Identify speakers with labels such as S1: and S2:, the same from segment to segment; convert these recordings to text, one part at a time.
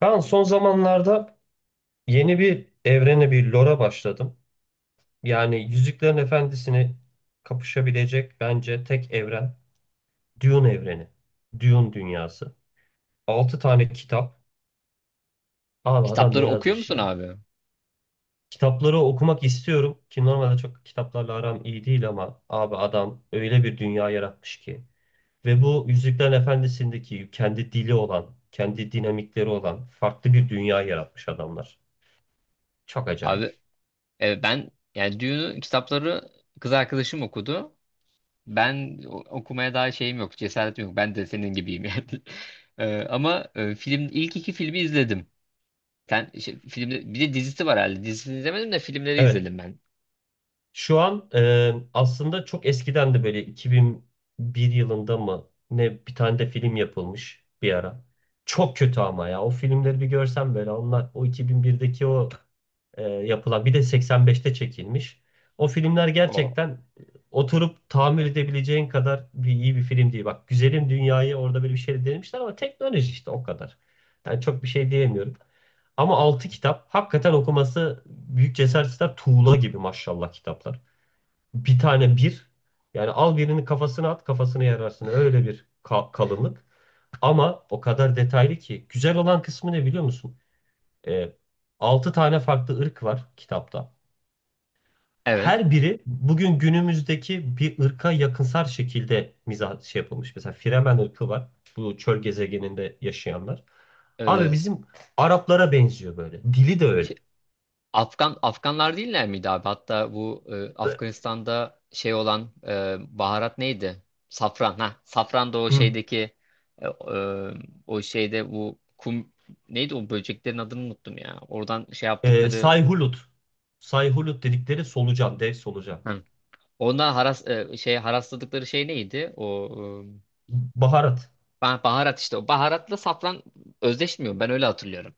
S1: Ben son zamanlarda yeni bir evrene, bir lore'a başladım. Yani Yüzüklerin Efendisi'ni kapışabilecek bence tek evren Dune evreni. Dune dünyası. 6 tane kitap. Abi adam ne
S2: Kitapları okuyor
S1: yazmış
S2: musun
S1: ya?
S2: abi?
S1: Kitapları okumak istiyorum ki normalde çok kitaplarla aram iyi değil ama abi adam öyle bir dünya yaratmış ki. Ve bu Yüzüklerin Efendisi'ndeki kendi dili olan, kendi dinamikleri olan farklı bir dünya yaratmış adamlar. Çok
S2: Abi
S1: acayip.
S2: ben yani Dune'u kitapları kız arkadaşım okudu. Ben okumaya daha şeyim yok, cesaretim yok. Ben de senin gibiyim yani. E, ama film ilk iki filmi izledim. Sen şey, filmde bir de dizisi var herhalde. Dizisini izlemedim de filmleri
S1: Evet.
S2: izledim ben.
S1: Şu an aslında çok eskiden de böyle 2001 yılında mı ne bir tane de film yapılmış bir ara. Çok kötü ama ya o filmleri bir görsem böyle onlar o 2001'deki o yapılan bir de 85'te çekilmiş. O filmler
S2: O.
S1: gerçekten oturup tahammül edebileceğin kadar bir iyi bir film değil. Bak Güzelim Dünya'yı orada böyle bir şey denemişler ama teknoloji işte o kadar. Yani çok bir şey diyemiyorum. Ama altı kitap hakikaten okuması büyük cesaret ister. Tuğla gibi maşallah kitaplar bir tane bir. Yani al birini kafasına at kafasına yararsın. Öyle bir kalınlık. Ama o kadar detaylı ki. Güzel olan kısmı ne biliyor musun? Ee, 6 tane farklı ırk var kitapta.
S2: Evet.
S1: Her biri bugün günümüzdeki bir ırka yakınsar şekilde mizah şey yapılmış. Mesela Fremen ırkı var. Bu çöl gezegeninde yaşayanlar.
S2: Evet
S1: Abi
S2: evet.
S1: bizim Araplara benziyor böyle. Dili de öyle.
S2: Afganlar değiller miydi abi? Hatta bu Afganistan'da şey olan baharat neydi? Safran. Ha, safran da o
S1: Hı.
S2: şeydeki e, e, o şeyde bu kum neydi, o böceklerin adını unuttum ya. Oradan şey yaptıkları.
S1: Sayhulut. Sayhulut dedikleri solucan, dev solucan.
S2: Hı. Ondan şey harasladıkları şey neydi? O
S1: Baharat.
S2: baharat işte. O baharatla safran özdeşmiyor. Ben öyle hatırlıyorum.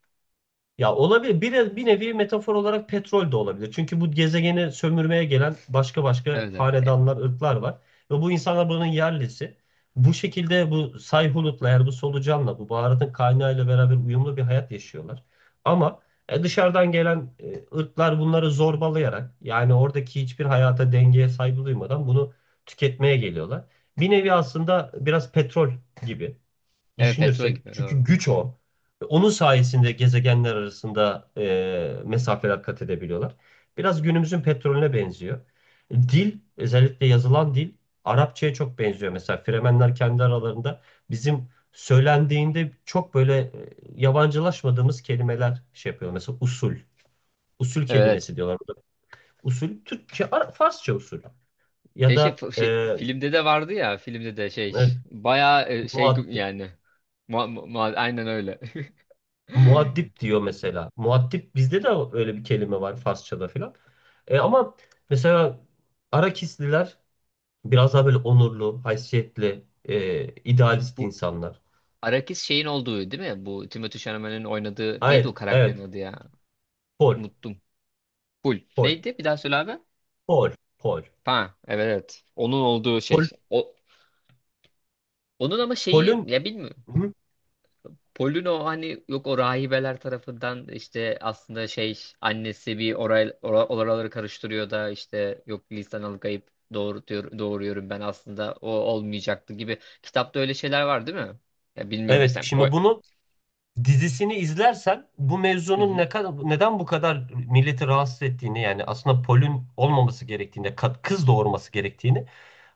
S1: Ya olabilir. Bir, bir nevi metafor olarak petrol de olabilir. Çünkü bu gezegeni sömürmeye gelen başka başka
S2: Evet evet. E,
S1: hanedanlar, ırklar var. Ve bu insanlar buranın yerlisi. Bu şekilde bu Sayhunut'la eğer bu solucanla, bu baharatın kaynağıyla beraber uyumlu bir hayat yaşıyorlar. Ama dışarıdan gelen ırklar bunları zorbalayarak yani oradaki hiçbir hayata dengeye saygı duymadan bunu tüketmeye geliyorlar. Bir nevi aslında biraz petrol gibi
S2: evet petrol
S1: düşünürsek
S2: gibi
S1: çünkü
S2: doğru.
S1: güç o. Ve onun sayesinde gezegenler arasında mesafeler kat edebiliyorlar. Biraz günümüzün petrolüne benziyor. Dil, özellikle yazılan dil Arapçaya çok benziyor. Mesela Fremenler kendi aralarında bizim söylendiğinde çok böyle yabancılaşmadığımız kelimeler şey yapıyor. Mesela usul, usul
S2: Evet.
S1: kelimesi diyorlar. Usul Türkçe, Farsça usul ya da
S2: Şey, filmde de vardı ya, filmde de şey
S1: evet,
S2: bayağı şey
S1: muaddi.
S2: yani aynen öyle.
S1: Muaddip diyor mesela. Muaddip bizde de öyle bir kelime var Farsçada filan. Ama mesela Arakisliler biraz daha böyle onurlu, haysiyetli, idealist
S2: Bu
S1: insanlar.
S2: Arakis şeyin olduğu değil mi? Bu Timothée Chalamet'in oynadığı neydi o
S1: Evet,
S2: karakterin
S1: evet.
S2: adı ya?
S1: Pol,
S2: Unuttum. Pul.
S1: pol,
S2: Neydi? Bir daha söyle abi.
S1: pol, pol.
S2: Ha evet evet. Onun olduğu
S1: Pol,
S2: şey. O, onun ama şeyi
S1: pol'ün.
S2: ya bilmiyorum.
S1: Hı.
S2: Polino hani yok, o rahibeler tarafından işte aslında şey annesi bir oraları karıştırıyor da, işte yok lisan alıkayıp doğurtuyor, doğuruyorum ben, aslında o olmayacaktı gibi. Kitapta öyle şeyler var değil mi? Ya bilmiyorum
S1: Evet,
S2: sen. O.
S1: şimdi bunu dizisini izlersen bu
S2: Hı
S1: mevzunun
S2: hı.
S1: ne kadar neden bu kadar milleti rahatsız ettiğini yani aslında polün olmaması gerektiğini, kız doğurması gerektiğini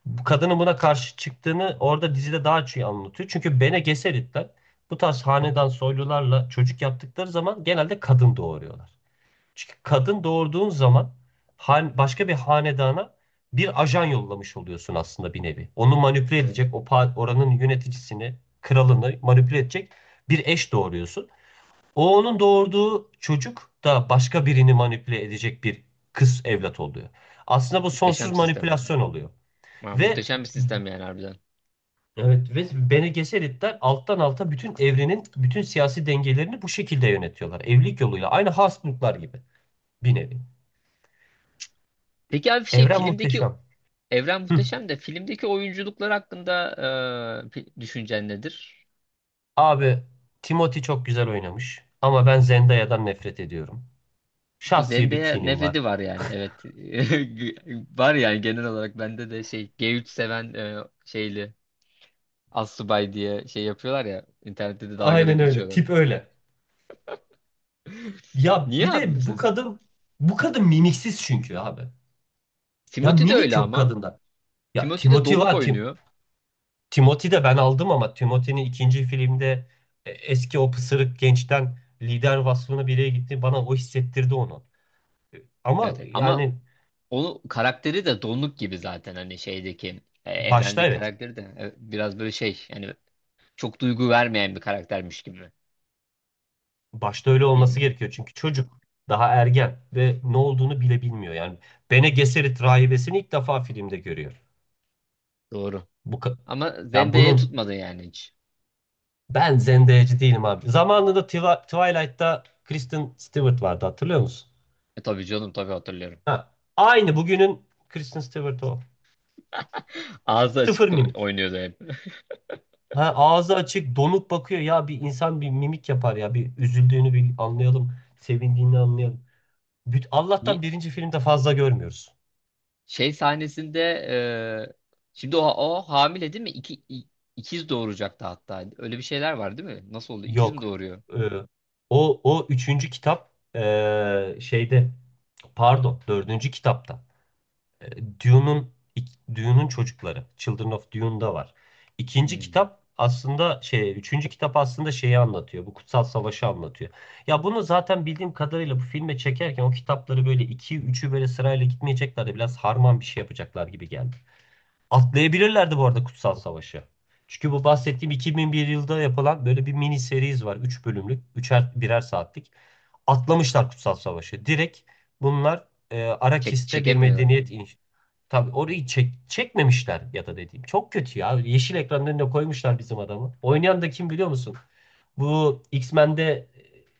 S1: bu kadının buna karşı çıktığını orada dizide daha çok iyi anlatıyor. Çünkü Bene Gesseritler bu tarz hanedan soylularla çocuk yaptıkları zaman genelde kadın doğuruyorlar. Çünkü kadın doğurduğun zaman başka bir hanedana bir ajan yollamış oluyorsun aslında bir nevi. Onu manipüle
S2: Evet.
S1: edecek, o oranın yöneticisini, kralını manipüle edecek bir eş doğuruyorsun. O onun doğurduğu çocuk da başka birini manipüle edecek bir kız evlat oluyor. Aslında bu sonsuz
S2: Muhteşem sistem yani.
S1: manipülasyon oluyor.
S2: Ha,
S1: Ve
S2: muhteşem bir sistem yani harbiden.
S1: Evet ve Bene Gesseritler alttan alta bütün evrenin bütün siyasi dengelerini bu şekilde yönetiyorlar. Evlilik yoluyla. Aynı Habsburglar gibi bir nevi.
S2: Peki abi şey
S1: Evren
S2: filmdeki
S1: muhteşem.
S2: evren
S1: Hı.
S2: muhteşem de, filmdeki oyunculuklar hakkında düşüncen nedir?
S1: Abi Timothy çok güzel oynamış ama ben Zendaya'dan nefret ediyorum.
S2: Bu
S1: Şahsi bir
S2: Zendaya
S1: kinim
S2: nefreti
S1: var.
S2: var yani, evet. Var yani, genel olarak bende de şey G3 seven şeyli assubay diye şey yapıyorlar ya, internette de dalga da
S1: Aynen öyle.
S2: geçiyorlar.
S1: Tip öyle. Ya
S2: Niye
S1: bir
S2: abi
S1: de bu
S2: mesela?
S1: kadın bu kadın mimiksiz çünkü abi. Ya
S2: Timothy de öyle
S1: mimik yok
S2: ama.
S1: kadında. Ya
S2: Timothy de
S1: Timothy
S2: donuk
S1: var. Tim,
S2: oynuyor.
S1: Timothy de ben aldım ama Timothy'nin ikinci filmde eski o pısırık gençten lider vasfına biriye gitti. Bana o hissettirdi onu.
S2: Evet
S1: Ama
S2: evet, ama
S1: yani
S2: onu karakteri de donuk gibi zaten, hani şeydeki
S1: başta
S2: evrendeki
S1: evet.
S2: karakteri de biraz böyle şey yani çok duygu vermeyen bir karaktermiş gibi.
S1: Başta öyle olması
S2: Bilmiyorum.
S1: gerekiyor. Çünkü çocuk daha ergen ve ne olduğunu bile bilmiyor. Yani Bene Gesserit rahibesini ilk defa filmde görüyor.
S2: Doğru.
S1: Bu ka-
S2: Ama
S1: Ya
S2: Zendaya'ya
S1: bunun
S2: tutmadı yani hiç.
S1: ben zendeyeci değilim abi. Zamanında Twilight'ta Kristen Stewart vardı hatırlıyor musun?
S2: E tabii canım, tabii hatırlıyorum.
S1: Ha, aynı bugünün Kristen Stewart o.
S2: Ağzı açık
S1: Sıfır mimik.
S2: oynuyordu hep.
S1: Ha, ağzı açık, donuk bakıyor. Ya bir insan bir mimik yapar ya. Bir üzüldüğünü bir anlayalım, sevindiğini anlayalım. Allah'tan
S2: Ni-
S1: birinci filmde fazla görmüyoruz.
S2: Şey sahnesinde şimdi o, o hamile değil mi? İkiz doğuracaktı hatta. Öyle bir şeyler var değil mi? Nasıl oldu? İkiz mi
S1: Yok.
S2: doğuruyor?
S1: Ee, o üçüncü kitap şeyde pardon dördüncü kitapta. E, Dune'un Dune'un çocukları. Children of Dune'da var. İkinci
S2: Hmm.
S1: kitap aslında şey, üçüncü kitap aslında şeyi anlatıyor. Bu kutsal savaşı anlatıyor. Ya bunu zaten bildiğim kadarıyla bu filme çekerken o kitapları böyle iki, üçü böyle sırayla gitmeyecekler de biraz harman bir şey yapacaklar gibi geldi. Atlayabilirlerdi bu arada Kutsal Savaş'ı. Çünkü bu bahsettiğim 2001 yılda yapılan böyle bir mini seriz var. Üç bölümlük, üçer birer saatlik. Atlamışlar Kutsal Savaş'ı. Direkt bunlar Arakis'te bir
S2: Çekemiyorlar değil
S1: medeniyet
S2: mi?
S1: inşa... Tabii
S2: Hmm.
S1: orayı çekmemişler ya da dediğim. Çok kötü ya. Yeşil ekranın önüne koymuşlar bizim adamı. Oynayan da kim biliyor musun? Bu X-Men'de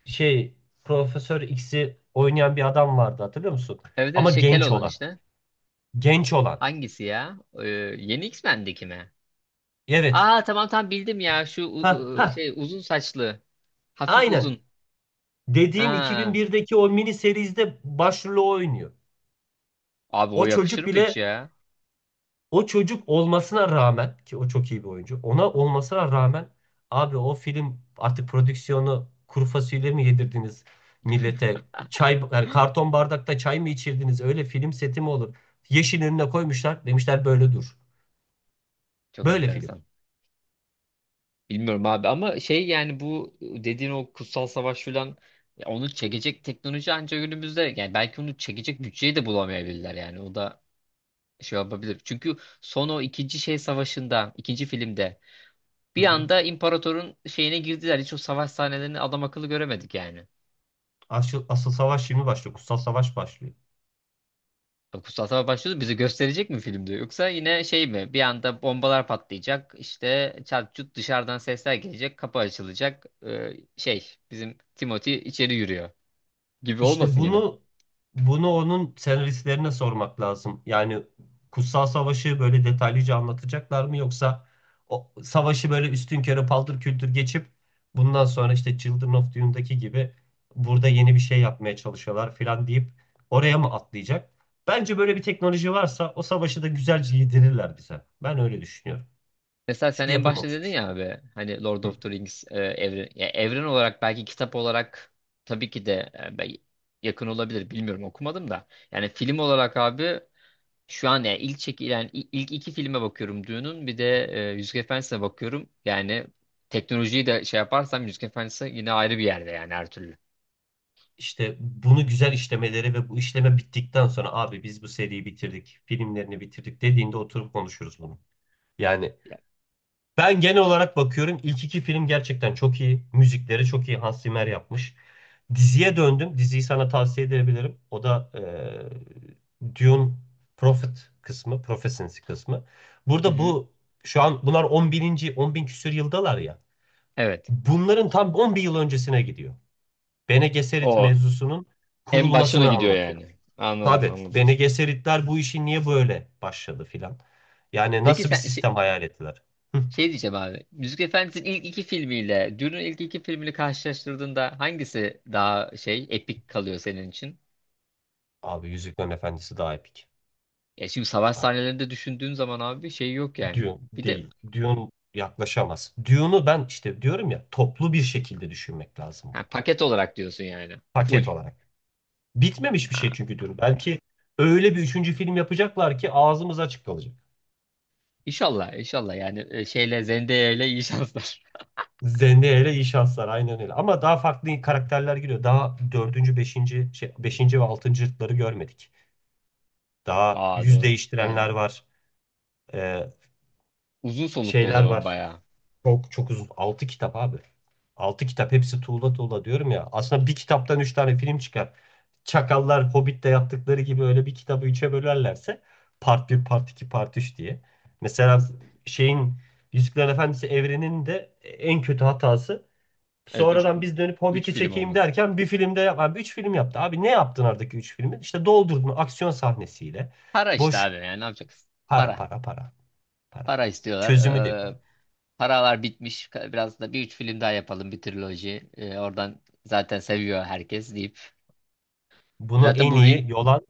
S1: e, şey Profesör X'i oynayan bir adam vardı hatırlıyor musun?
S2: Evet evet,
S1: Ama
S2: şekel
S1: genç
S2: olan
S1: olan.
S2: işte.
S1: Genç olan.
S2: Hangisi ya? Yeni X-Men'deki mi?
S1: Evet.
S2: Aa tamam tamam, bildim ya. Şu
S1: Ha,
S2: şey, uzun saçlı. Hafif
S1: aynen.
S2: uzun.
S1: Dediğim
S2: Aa.
S1: 2001'deki o mini serizde başrolü o oynuyor.
S2: Abi o
S1: O
S2: yakışır
S1: çocuk
S2: mı hiç
S1: bile
S2: ya?
S1: o çocuk olmasına rağmen ki o çok iyi bir oyuncu. Ona olmasına rağmen abi o film artık prodüksiyonu kuru fasulye mi yedirdiniz millete? Çay yani karton bardakta çay mı içirdiniz? Öyle film seti mi olur? Yeşil önüne koymuşlar. Demişler böyle dur.
S2: Çok
S1: Böyle film.
S2: enteresan. Bilmiyorum abi, ama şey yani bu dediğin o kutsal savaş filan, ya onu çekecek teknoloji ancak günümüzde, yani belki onu çekecek bütçeyi de bulamayabilirler yani, o da şey yapabilir. Çünkü son o ikinci şey savaşında, ikinci filmde
S1: Hı
S2: bir
S1: hı.
S2: anda imparatorun şeyine girdiler, hiç o savaş sahnelerini adam akıllı göremedik yani.
S1: Asıl savaş şimdi başlıyor. Kutsal savaş başlıyor.
S2: O kutsal savaş başlıyordu, bizi gösterecek mi filmde, yoksa yine şey mi, bir anda bombalar patlayacak işte çat çut, dışarıdan sesler gelecek, kapı açılacak, şey bizim Timothy içeri yürüyor gibi
S1: İşte
S2: olmasın yine.
S1: bunu onun senaristlerine sormak lazım. Yani Kutsal Savaş'ı böyle detaylıca anlatacaklar mı yoksa o savaşı böyle üstünkörü paldır küldür geçip bundan sonra işte Children of Dune'daki gibi burada yeni bir şey yapmaya çalışıyorlar filan deyip oraya mı atlayacak? Bence böyle bir teknoloji varsa o savaşı da güzelce yedirirler bize. Ben öyle düşünüyorum.
S2: Mesela sen
S1: Çünkü
S2: en başta
S1: yapılmamış bir
S2: dedin
S1: şey.
S2: ya abi, hani Lord
S1: Hı.
S2: of the Rings evren, ya evren olarak belki, kitap olarak tabii ki de yakın olabilir bilmiyorum, okumadım da. Yani film olarak abi şu an, yani ilk çekilen ilk iki filme bakıyorum Dune'un, bir de Yüzük Efendisi'ne bakıyorum. Yani teknolojiyi de şey yaparsam Yüzük Efendisi yine ayrı bir yerde yani, her türlü.
S1: İşte bunu güzel işlemeleri ve bu işleme bittikten sonra abi biz bu seriyi bitirdik, filmlerini bitirdik dediğinde oturup konuşuruz bunu. Yani
S2: Ya-
S1: ben genel olarak bakıyorum ilk iki film gerçekten çok iyi. Müzikleri çok iyi Hans Zimmer yapmış. Diziye döndüm. Diziyi sana tavsiye edebilirim. O da Dune Prophet kısmı, Prophecy kısmı.
S2: Hı
S1: Burada
S2: hı.
S1: bu şu an bunlar 10 bininci, 10 bin küsür yıldalar ya.
S2: Evet.
S1: Bunların tam 10 bin yıl öncesine gidiyor. Bene Gesserit
S2: O
S1: mevzusunun
S2: en başına
S1: kurulmasını
S2: gidiyor
S1: anlatıyor.
S2: yani. Anladım
S1: Tabii
S2: anladım.
S1: Bene Gesseritler bu işi niye böyle başladı filan. Yani
S2: Peki
S1: nasıl bir
S2: sen.
S1: sistem hayal ettiler? Hıh.
S2: Şey diyeceğim abi. Müzik Efendisi'nin ilk iki filmiyle Dune'un ilk iki filmini karşılaştırdığında hangisi daha şey, epik kalıyor senin için?
S1: Abi Yüzüklerin Efendisi daha epik.
S2: Ya şimdi savaş
S1: Bak
S2: sahnelerinde düşündüğün zaman abi şey yok yani.
S1: Dune
S2: Bir de
S1: değil. Dune yaklaşamaz. Dune'u ben işte diyorum ya toplu bir şekilde düşünmek lazım
S2: ha,
S1: bunu.
S2: paket olarak diyorsun yani. Full.
S1: Paket olarak. Bitmemiş bir
S2: Ha,
S1: şey çünkü Dune. Belki öyle bir üçüncü film yapacaklar ki ağzımız açık kalacak.
S2: İnşallah inşallah yani şeyle Zendaya ile iyi şanslar.
S1: Zendaya ile iyi şanslar aynen öyle. Ama daha farklı karakterler giriyor. Daha dördüncü, beşinci, şey, beşinci ve altıncılıkları görmedik. Daha
S2: Aa
S1: yüz
S2: doğru.
S1: değiştirenler
S2: Yani
S1: var. Ee,
S2: uzun soluklu o
S1: şeyler
S2: zaman
S1: var.
S2: bayağı.
S1: Çok çok uzun. Altı kitap abi. Altı kitap hepsi tuğla tuğla diyorum ya. Aslında bir kitaptan üç tane film çıkar. Çakallar Hobbit'te yaptıkları gibi öyle bir kitabı üçe bölerlerse part bir part 2 part 3 diye. Mesela şeyin Yüzüklerin Efendisi evreninin de en kötü hatası...
S2: Evet
S1: Sonradan biz dönüp
S2: 3
S1: Hobbit'i
S2: film
S1: çekeyim
S2: olması.
S1: derken bir filmde 3 film yaptı. Abi ne yaptın aradaki 3 filmi? İşte doldurdun aksiyon sahnesiyle.
S2: Para işte
S1: Boş
S2: abi, yani ne yapacaksın?
S1: para
S2: Para.
S1: para para para.
S2: Para istiyorlar.
S1: Çözümü de var.
S2: Ee, Paralar bitmiş. Biraz da bir üç film daha yapalım. Bir triloji. Oradan zaten seviyor herkes deyip.
S1: Bunu
S2: Zaten
S1: en
S2: bu Ring
S1: iyi yolan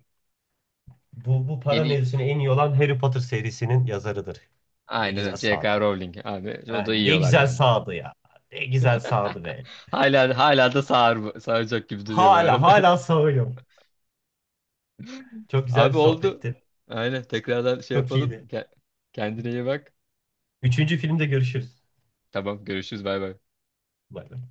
S1: Bu para
S2: yeni,
S1: mevzusunu en iyi olan Harry Potter serisinin yazarıdır. Ne
S2: aynen
S1: güzel
S2: öyle. J
S1: sağdı.
S2: K. Rowling abi. O
S1: Ha,
S2: da
S1: ne
S2: yiyorlar
S1: güzel
S2: yani.
S1: sağdı ya. Ne güzel sağdı be.
S2: Hala hala da sağır, sağıracak gibi duruyor bu
S1: Hala
S2: arada.
S1: hala sağıyorum. Çok güzel bir
S2: Abi oldu.
S1: sohbetti.
S2: Aynen tekrardan şey
S1: Çok
S2: yapalım.
S1: iyiydi.
S2: Kendine iyi bak.
S1: Üçüncü filmde görüşürüz.
S2: Tamam, görüşürüz. Bay bay.
S1: Bay bay.